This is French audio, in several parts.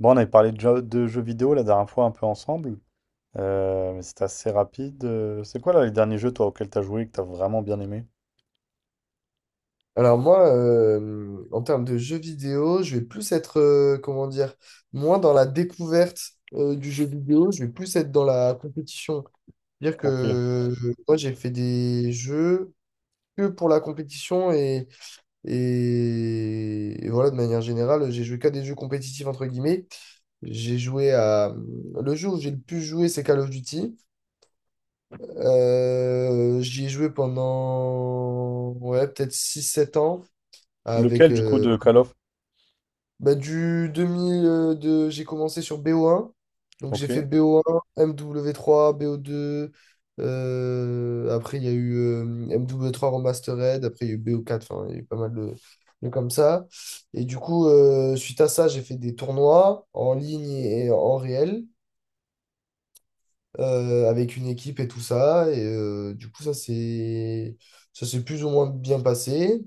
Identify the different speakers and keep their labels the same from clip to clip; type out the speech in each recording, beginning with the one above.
Speaker 1: Bon, on avait parlé de jeux vidéo la dernière fois un peu ensemble, mais c'était assez rapide. C'est quoi là les derniers jeux toi auxquels t'as joué que t'as vraiment bien aimé?
Speaker 2: Alors moi, en termes de jeux vidéo, je vais plus être, comment dire, moins dans la découverte du jeu vidéo, je vais plus être dans la compétition. C'est-à-dire que
Speaker 1: Ok.
Speaker 2: moi, j'ai fait des jeux que pour la compétition et voilà, de manière générale, j'ai joué qu'à des jeux compétitifs, entre guillemets. J'ai joué à... Le jeu où j'ai le plus joué, c'est Call of Duty. J'y ai joué pendant, ouais, peut-être 6 7 ans avec...
Speaker 1: Lequel du coup de Call of?
Speaker 2: Bah, du 2000, de... j'ai commencé sur BO1. Donc j'ai
Speaker 1: Ok.
Speaker 2: fait BO1, MW3, BO2. Après, il y a eu MW3 Remastered. Après, il y a eu BO4. Enfin, il y a eu pas mal de comme ça. Et du coup, suite à ça, j'ai fait des tournois en ligne et en réel avec une équipe et tout ça. Et du coup, ça s'est plus ou moins bien passé.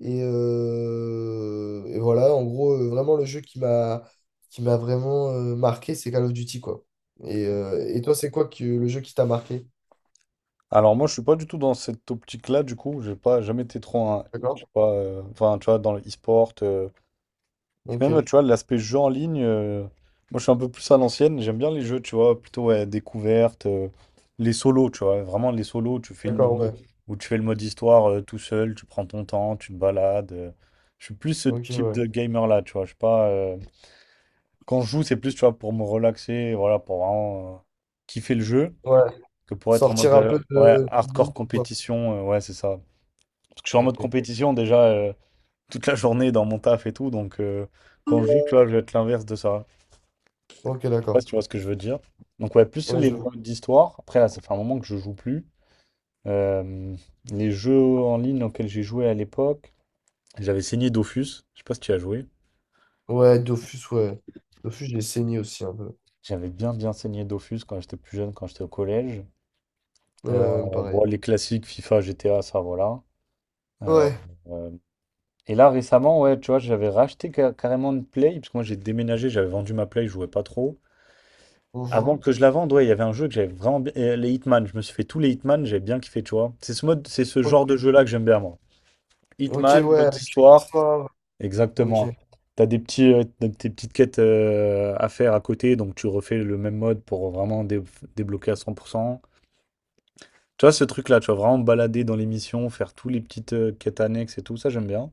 Speaker 2: Et voilà, en gros, vraiment le jeu qui m'a vraiment marqué, c'est Call of Duty, quoi. Et toi, c'est quoi que le jeu qui t'a marqué?
Speaker 1: Alors moi je suis pas du tout dans cette optique-là du coup, j'ai pas jamais été trop un, je sais
Speaker 2: D'accord.
Speaker 1: pas, enfin tu vois dans le e-sport. Et même,
Speaker 2: Ok.
Speaker 1: tu vois, l'aspect jeu en ligne, moi je suis un peu plus à l'ancienne, j'aime bien les jeux, tu vois, plutôt ouais, découverte, les solos, tu vois, vraiment les solos,
Speaker 2: D'accord, ouais.
Speaker 1: où tu fais le mode histoire, tout seul, tu prends ton temps, tu te balades. Je suis plus ce
Speaker 2: Ok,
Speaker 1: type
Speaker 2: ouais.
Speaker 1: de gamer là, tu vois, je suis pas. Quand je joue, c'est plus, tu vois, pour me relaxer, voilà, pour vraiment, kiffer le jeu,
Speaker 2: Ouais.
Speaker 1: que pour être en mode
Speaker 2: Sortir un
Speaker 1: euh,
Speaker 2: peu
Speaker 1: ouais,
Speaker 2: de
Speaker 1: hardcore
Speaker 2: boule, quoi.
Speaker 1: compétition, ouais, c'est ça. Parce que je suis en mode
Speaker 2: Ok.
Speaker 1: compétition déjà, toute la journée dans mon taf et tout, donc, quand je joue, tu vois, je vais être l'inverse de ça.
Speaker 2: Ok,
Speaker 1: Sais pas
Speaker 2: d'accord.
Speaker 1: si tu vois ce que je veux dire. Donc ouais, plus
Speaker 2: Ouais,
Speaker 1: les
Speaker 2: je...
Speaker 1: modes d'histoire. Après, là, ça fait un moment que je joue plus. Euh, les jeux en ligne auxquels j'ai joué à l'époque, j'avais saigné Dofus. Je sais pas si tu as joué.
Speaker 2: Ouais, Dofus, ouais. Dofus, j'ai saigné aussi un peu.
Speaker 1: J'avais bien bien saigné Dofus quand j'étais plus jeune, quand j'étais au collège.
Speaker 2: Ouais,
Speaker 1: Euh,
Speaker 2: pareil.
Speaker 1: bon, les classiques FIFA, GTA, ça voilà. Euh,
Speaker 2: Ouais.
Speaker 1: euh, et là récemment, ouais, tu vois, j'avais racheté carrément une Play, parce que moi j'ai déménagé, j'avais vendu ma Play, je jouais pas trop. Avant
Speaker 2: Mhm.
Speaker 1: que je la vende, ouais, il y avait un jeu que j'avais vraiment bien. Les Hitman, je me suis fait tous les Hitman, j'ai bien kiffé, tu vois. C'est ce
Speaker 2: Ok.
Speaker 1: genre de jeu-là que j'aime bien, moi.
Speaker 2: Ok,
Speaker 1: Hitman,
Speaker 2: ouais,
Speaker 1: mode
Speaker 2: avec une
Speaker 1: histoire.
Speaker 2: histoire. Ok.
Speaker 1: Exactement. T'as des petites quêtes, à faire à côté, donc tu refais le même mode pour vraiment débloquer à 100%. Tu vois, ce truc-là, tu vas vraiment me balader dans les missions, faire tous les petites, quêtes annexes et tout, ça j'aime bien.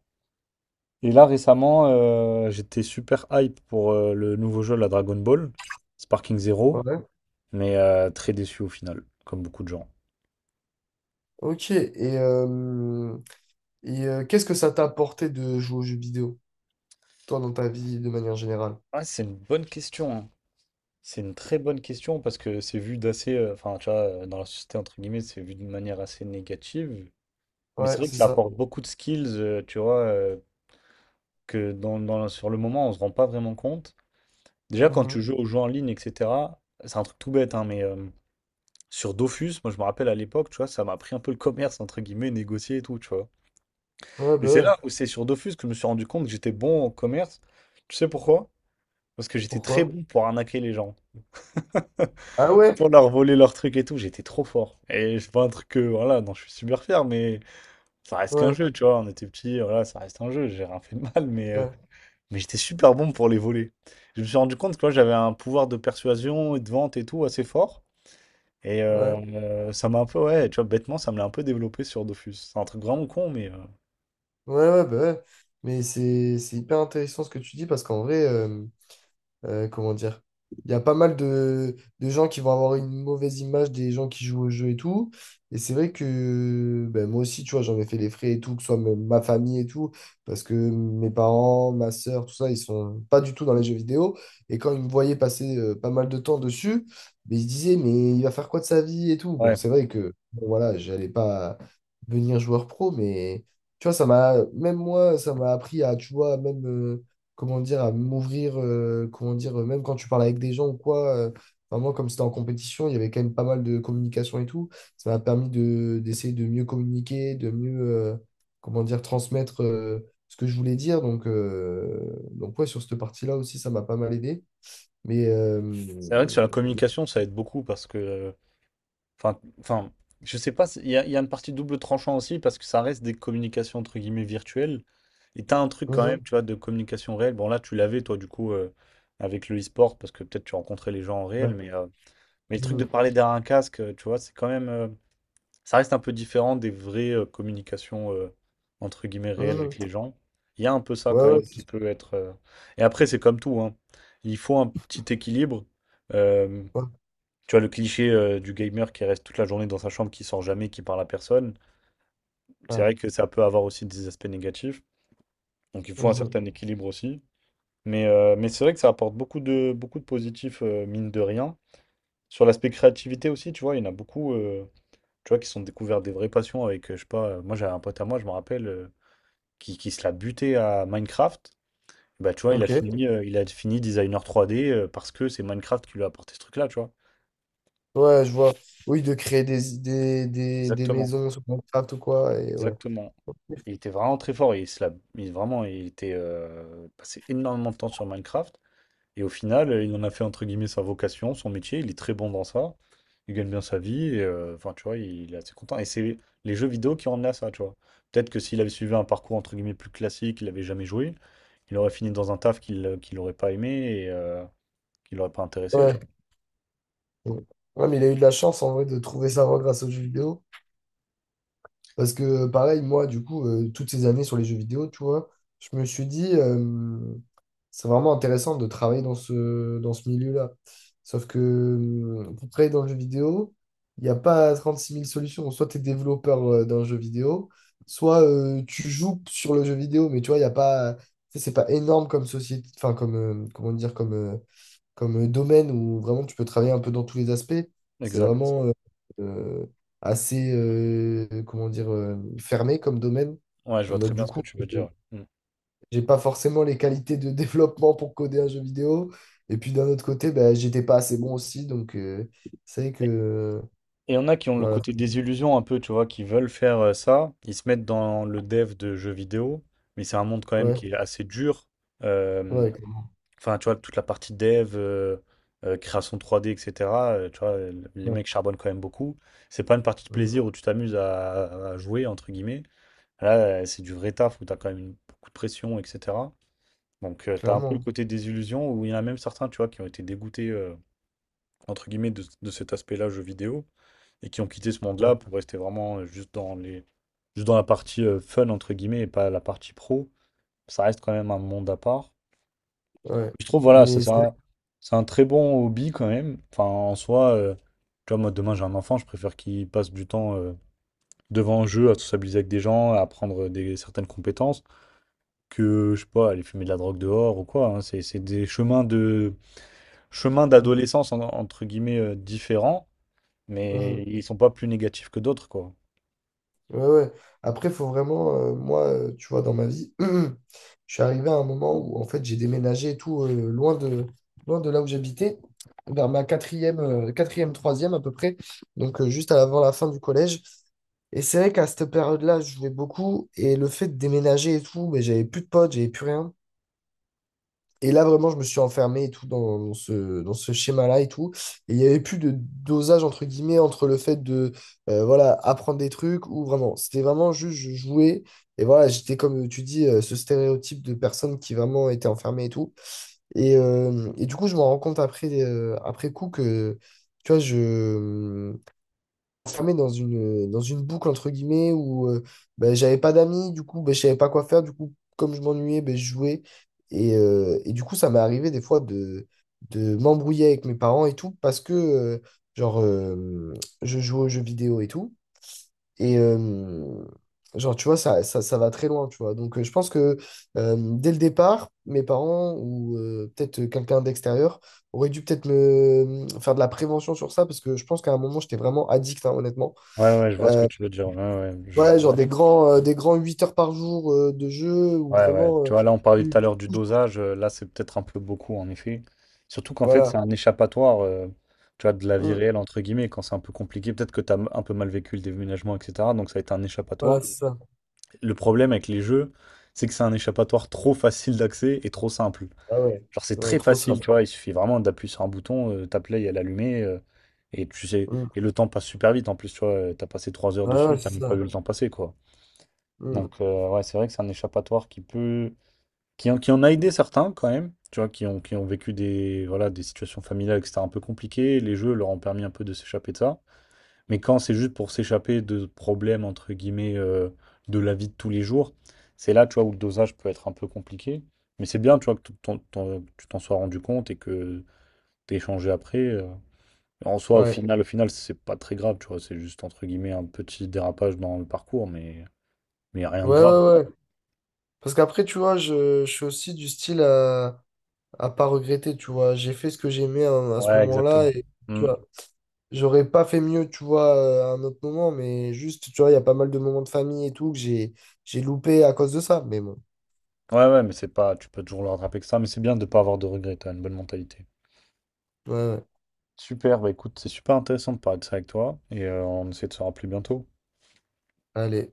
Speaker 1: Et là, récemment, j'étais super hype pour, le nouveau jeu, la Dragon Ball, Sparking Zero.
Speaker 2: Ouais.
Speaker 1: Mais très déçu au final, comme beaucoup de gens.
Speaker 2: Ok. Et, et qu'est-ce que ça t'a apporté de jouer aux jeux vidéo, toi, dans ta vie de manière générale?
Speaker 1: Ouais, c'est une bonne question, hein. C'est une très bonne question parce que c'est vu d'assez. Enfin, tu vois, dans la société, entre guillemets, c'est vu d'une manière assez négative. Mais c'est
Speaker 2: Ouais,
Speaker 1: vrai que
Speaker 2: c'est
Speaker 1: ça
Speaker 2: ça.
Speaker 1: apporte beaucoup de skills, tu vois, que sur le moment, on se rend pas vraiment compte. Déjà, quand
Speaker 2: Mhm.
Speaker 1: tu joues aux jeux en ligne, etc., c'est un truc tout bête, hein, mais, sur Dofus, moi, je me rappelle à l'époque, tu vois, ça m'a appris un peu le commerce, entre guillemets, négocier et tout, tu vois.
Speaker 2: Ouais,
Speaker 1: Et
Speaker 2: bah
Speaker 1: c'est
Speaker 2: ouais.
Speaker 1: là où c'est sur Dofus que je me suis rendu compte que j'étais bon en commerce. Tu sais pourquoi? Parce que j'étais
Speaker 2: Pourquoi?
Speaker 1: très bon pour arnaquer les gens.
Speaker 2: Ah ouais?
Speaker 1: Pour leur voler leurs trucs et tout, j'étais trop fort. Et c'est pas un truc que, voilà, non, je suis super fier, mais ça reste qu'un
Speaker 2: Ouais,
Speaker 1: jeu, tu vois. On était petits, voilà, ça reste un jeu, j'ai rien fait de mal, mais, euh,
Speaker 2: ouais,
Speaker 1: mais j'étais super bon pour les voler. Je me suis rendu compte que moi, j'avais un pouvoir de persuasion et de vente et tout assez fort. Et euh,
Speaker 2: ouais.
Speaker 1: euh, ça m'a un peu, ouais, tu vois, bêtement, ça me l'a un peu développé sur Dofus. C'est un truc vraiment con, mais,
Speaker 2: Ouais, ouais, bah ouais. Mais c'est hyper intéressant ce que tu dis parce qu'en vrai, comment dire, il y a pas mal de gens qui vont avoir une mauvaise image des gens qui jouent au jeu et tout. Et c'est vrai que ben, moi aussi, tu vois, j'en ai fait les frais et tout, que ce soit ma famille et tout, parce que mes parents, ma sœur, tout ça, ils sont pas du tout dans les jeux vidéo. Et quand ils me voyaient passer pas mal de temps dessus, ben, ils se disaient, mais il va faire quoi de sa vie et tout. Bon,
Speaker 1: ouais.
Speaker 2: c'est vrai que, bon, voilà, j'allais pas devenir joueur pro, mais tu vois, ça m'a, même moi, ça m'a appris à, tu vois, même. Comment dire, à m'ouvrir, comment dire, même quand tu parles avec des gens ou quoi, enfin, moi, comme c'était en compétition, il y avait quand même pas mal de communication et tout. Ça m'a permis de, d'essayer de mieux communiquer, de mieux, comment dire, transmettre ce que je voulais dire. Donc ouais, sur cette partie-là aussi, ça m'a pas mal aidé. Mais,
Speaker 1: C'est vrai que sur la
Speaker 2: mhm,
Speaker 1: communication, ça aide beaucoup parce que , enfin, enfin, je sais pas, il y a une partie double tranchant aussi parce que ça reste des communications entre guillemets virtuelles. Et t'as un truc quand même, tu vois, de communication réelle. Bon, là, tu l'avais, toi, du coup, avec le e-sport parce que peut-être tu rencontrais les gens en
Speaker 2: ouais,
Speaker 1: réel, mais le truc
Speaker 2: mhm,
Speaker 1: de parler derrière un casque, tu vois, c'est quand même. Ça reste un peu différent des vraies, communications, entre guillemets réelles avec
Speaker 2: mhm.
Speaker 1: les gens. Il y a un peu ça
Speaker 2: Ouais,
Speaker 1: quand
Speaker 2: ouais,
Speaker 1: même
Speaker 2: c'est
Speaker 1: qui
Speaker 2: sûr,
Speaker 1: peut être. Et après, c'est comme tout, hein. Il faut un petit équilibre. Euh,
Speaker 2: ouais,
Speaker 1: Tu vois, le cliché, du gamer qui reste toute la journée dans sa chambre, qui sort jamais, qui parle à personne, c'est
Speaker 2: ouais,
Speaker 1: vrai que ça peut avoir aussi des aspects négatifs. Donc il faut un
Speaker 2: mhm.
Speaker 1: certain équilibre aussi. Mais c'est vrai que ça apporte beaucoup de positifs, mine de rien. Sur l'aspect créativité aussi, tu vois, il y en a beaucoup, tu vois, qui se sont découverts des vraies passions avec, je sais pas, moi j'avais un pote à moi, je me rappelle, qui se l'a buté à Minecraft. Bah, tu vois, il a
Speaker 2: Ok,
Speaker 1: fini, euh, il a fini designer 3D , parce que c'est Minecraft qui lui a apporté ce truc-là, tu vois.
Speaker 2: ouais, je vois. Oui, de créer des
Speaker 1: Exactement,
Speaker 2: maisons sur Minecraft ou quoi, et ouais.
Speaker 1: exactement. Il était vraiment très fort. Il, se la- il- vraiment, il était, passé énormément de temps sur Minecraft. Et au final, il en a fait entre guillemets sa vocation, son métier. Il est très bon dans ça. Il gagne bien sa vie. Et, enfin, tu vois, il est assez content. Et c'est les jeux vidéo qui ont emmené à ça, tu vois. Peut-être que s'il avait suivi un parcours entre guillemets plus classique, il n'avait jamais joué, il aurait fini dans un taf qu'il n'aurait pas aimé et, qui l'aurait pas intéressé, tu
Speaker 2: Ouais. Ouais, mais il a eu de la chance en vrai de trouver sa voie grâce aux jeux vidéo. Parce que pareil, moi, du coup, toutes ces années sur les jeux vidéo, tu vois, je me suis dit, c'est vraiment intéressant de travailler dans ce milieu-là. Sauf que pour travailler dans le jeu vidéo, il n'y a pas 36 000 solutions. Soit tu es développeur d'un jeu vidéo, soit tu joues sur le jeu vidéo, mais tu vois, il n'y a pas. Tu sais, c'est pas énorme comme société, enfin comme comment dire, comme, comme domaine où vraiment tu peux travailler un peu dans tous les aspects.
Speaker 1: vois.
Speaker 2: C'est
Speaker 1: Exact.
Speaker 2: vraiment euh, assez, comment dire, fermé comme domaine.
Speaker 1: Ouais, je
Speaker 2: Bon,
Speaker 1: vois
Speaker 2: bah,
Speaker 1: très
Speaker 2: du
Speaker 1: bien ce que
Speaker 2: coup,
Speaker 1: tu veux
Speaker 2: euh,
Speaker 1: dire. Mm.
Speaker 2: j'ai pas forcément les qualités de développement pour coder un jeu vidéo. Et puis d'un autre côté, bah, j'étais pas assez bon aussi. Donc, c'est vrai que,
Speaker 1: Et il y en a qui ont le
Speaker 2: voilà,
Speaker 1: côté désillusion un peu, tu vois, qui veulent faire, ça. Ils se mettent dans le dev de jeux vidéo, mais c'est un monde quand même
Speaker 2: ouais,
Speaker 1: qui est assez dur. Euh,
Speaker 2: ouais,
Speaker 1: Enfin, tu vois, toute la partie dev, création 3D, etc. , tu vois, les
Speaker 2: ouais,
Speaker 1: mecs charbonnent quand même beaucoup. C'est pas une partie de
Speaker 2: mhm,
Speaker 1: plaisir où tu t'amuses à jouer, entre guillemets. Là, c'est du vrai taf où t'as quand même beaucoup de pression, etc. Donc, tu t'as un peu le
Speaker 2: clairement.
Speaker 1: côté désillusion où il y en a même certains, tu vois, qui ont été dégoûtés, entre guillemets, de cet aspect-là, jeux vidéo et qui ont quitté ce
Speaker 2: Hein. Ouais,
Speaker 1: monde-là pour rester vraiment, juste dans la partie, fun, entre guillemets, et pas la partie pro. Ça reste quand même un monde à part.
Speaker 2: ouais.
Speaker 1: Je trouve, voilà, ça,
Speaker 2: Mais
Speaker 1: c'est
Speaker 2: c'est.
Speaker 1: un, c'est un très bon hobby quand même. Enfin, en soi, tu vois, moi, demain, j'ai un enfant, je préfère qu'il passe du temps, devant un jeu, à sociabiliser avec des gens, à apprendre certaines compétences, que, je sais pas, aller fumer de la drogue dehors ou quoi, hein. C'est des chemins
Speaker 2: Mhm,
Speaker 1: d'adolescence, entre guillemets, différents, mais
Speaker 2: mhm.
Speaker 1: ils sont pas plus négatifs que d'autres, quoi.
Speaker 2: Ouais, ouais. Après, faut vraiment, moi, tu vois, dans ma vie, je suis arrivé à un moment où, en fait, j'ai déménagé et tout, loin de là où j'habitais, vers ma quatrième, quatrième, troisième à peu près, donc juste avant la fin du collège. Et c'est vrai qu'à cette période-là, je jouais beaucoup, et le fait de déménager et tout, mais j'avais plus de potes, j'avais plus rien. Et là, vraiment, je me suis enfermé et tout dans, dans ce schéma-là et tout. Et il n'y avait plus de dosage, entre guillemets, entre le fait de voilà, apprendre des trucs ou vraiment. C'était vraiment juste, je jouais. Et voilà, j'étais, comme tu dis, ce stéréotype de personne qui vraiment était enfermée et tout. Et du coup, je me rends compte après, après coup que, tu vois, je, enfermé dans une boucle, entre guillemets, où ben, j'avais pas d'amis, du coup, ben, je savais pas quoi faire. Du coup, comme je m'ennuyais, ben, je jouais. Et du coup, ça m'est arrivé des fois de m'embrouiller avec mes parents et tout, parce que, genre, je joue aux jeux vidéo et tout. Et, genre, tu vois, ça va très loin, tu vois. Donc, je pense que dès le départ, mes parents ou peut-être quelqu'un d'extérieur aurait dû peut-être me faire de la prévention sur ça, parce que je pense qu'à un moment, j'étais vraiment addict, hein, honnêtement.
Speaker 1: Ouais, ouais, je vois ce que
Speaker 2: Euh,
Speaker 1: tu veux dire. Ouais, ouais,
Speaker 2: ouais, genre des grands 8 heures par jour de jeu où
Speaker 1: ouais, ouais.
Speaker 2: vraiment
Speaker 1: Tu vois, là, on parlait
Speaker 2: tu,
Speaker 1: tout à
Speaker 2: tu
Speaker 1: l'heure du
Speaker 2: touches.
Speaker 1: dosage. Là, c'est peut-être un peu beaucoup, en effet. Surtout qu'en fait, c'est
Speaker 2: Voilà.
Speaker 1: un échappatoire, tu vois, de la vie
Speaker 2: Mm.
Speaker 1: réelle, entre guillemets, quand c'est un peu compliqué. Peut-être que tu as un peu mal vécu le déménagement, etc. Donc, ça a été un
Speaker 2: Voilà,
Speaker 1: échappatoire.
Speaker 2: c'est ça.
Speaker 1: Le problème avec les jeux, c'est que c'est un échappatoire trop facile d'accès et trop simple.
Speaker 2: Ah ouais.
Speaker 1: Genre, c'est
Speaker 2: Ouais,
Speaker 1: très
Speaker 2: trop
Speaker 1: facile, tu
Speaker 2: simple.
Speaker 1: vois. Il suffit vraiment d'appuyer sur un bouton, ta play, elle est allumée. Et tu sais,
Speaker 2: Mm.
Speaker 1: et le temps passe super vite. En plus, tu vois, t'as passé 3 heures
Speaker 2: Ouais,
Speaker 1: dessus,
Speaker 2: ouais,
Speaker 1: t'as
Speaker 2: c'est
Speaker 1: même pas vu
Speaker 2: ça.
Speaker 1: le temps passer, quoi.
Speaker 2: Mm.
Speaker 1: Donc, ouais, c'est vrai que c'est un échappatoire qui peut. Qui en a aidé certains, quand même. Tu vois, qui ont vécu des, voilà, des situations familiales, etc., un peu compliquées. Les jeux leur ont permis un peu de s'échapper de ça. Mais quand c'est juste pour s'échapper de problèmes, entre guillemets, de la vie de tous les jours, c'est là, tu vois, où le dosage peut être un peu compliqué. Mais c'est bien, tu vois, que tu t'en sois rendu compte et que t'aies échangé après. En soi, au
Speaker 2: Ouais.
Speaker 1: final, au final, c'est pas très grave, tu vois, c'est juste, entre guillemets, un petit dérapage dans le parcours, mais rien
Speaker 2: Ouais,
Speaker 1: de grave.
Speaker 2: ouais, ouais. Parce qu'après, tu vois, je suis aussi du style à pas regretter, tu vois. J'ai fait ce que j'aimais à ce
Speaker 1: Ouais, exactement.
Speaker 2: moment-là et tu
Speaker 1: Mm.
Speaker 2: vois, j'aurais pas fait mieux, tu vois, à un autre moment, mais juste, tu vois, il y a pas mal de moments de famille et tout que j'ai loupé à cause de ça. Mais bon,
Speaker 1: Ouais, ouais, mais c'est pas, tu peux toujours le rattraper que ça, mais c'est bien de pas avoir de regrets, t'as une bonne mentalité.
Speaker 2: ouais, ouais.
Speaker 1: Super, bah écoute, c'est super intéressant de parler de ça avec toi, et, on essaie de se rappeler bientôt.
Speaker 2: Allez.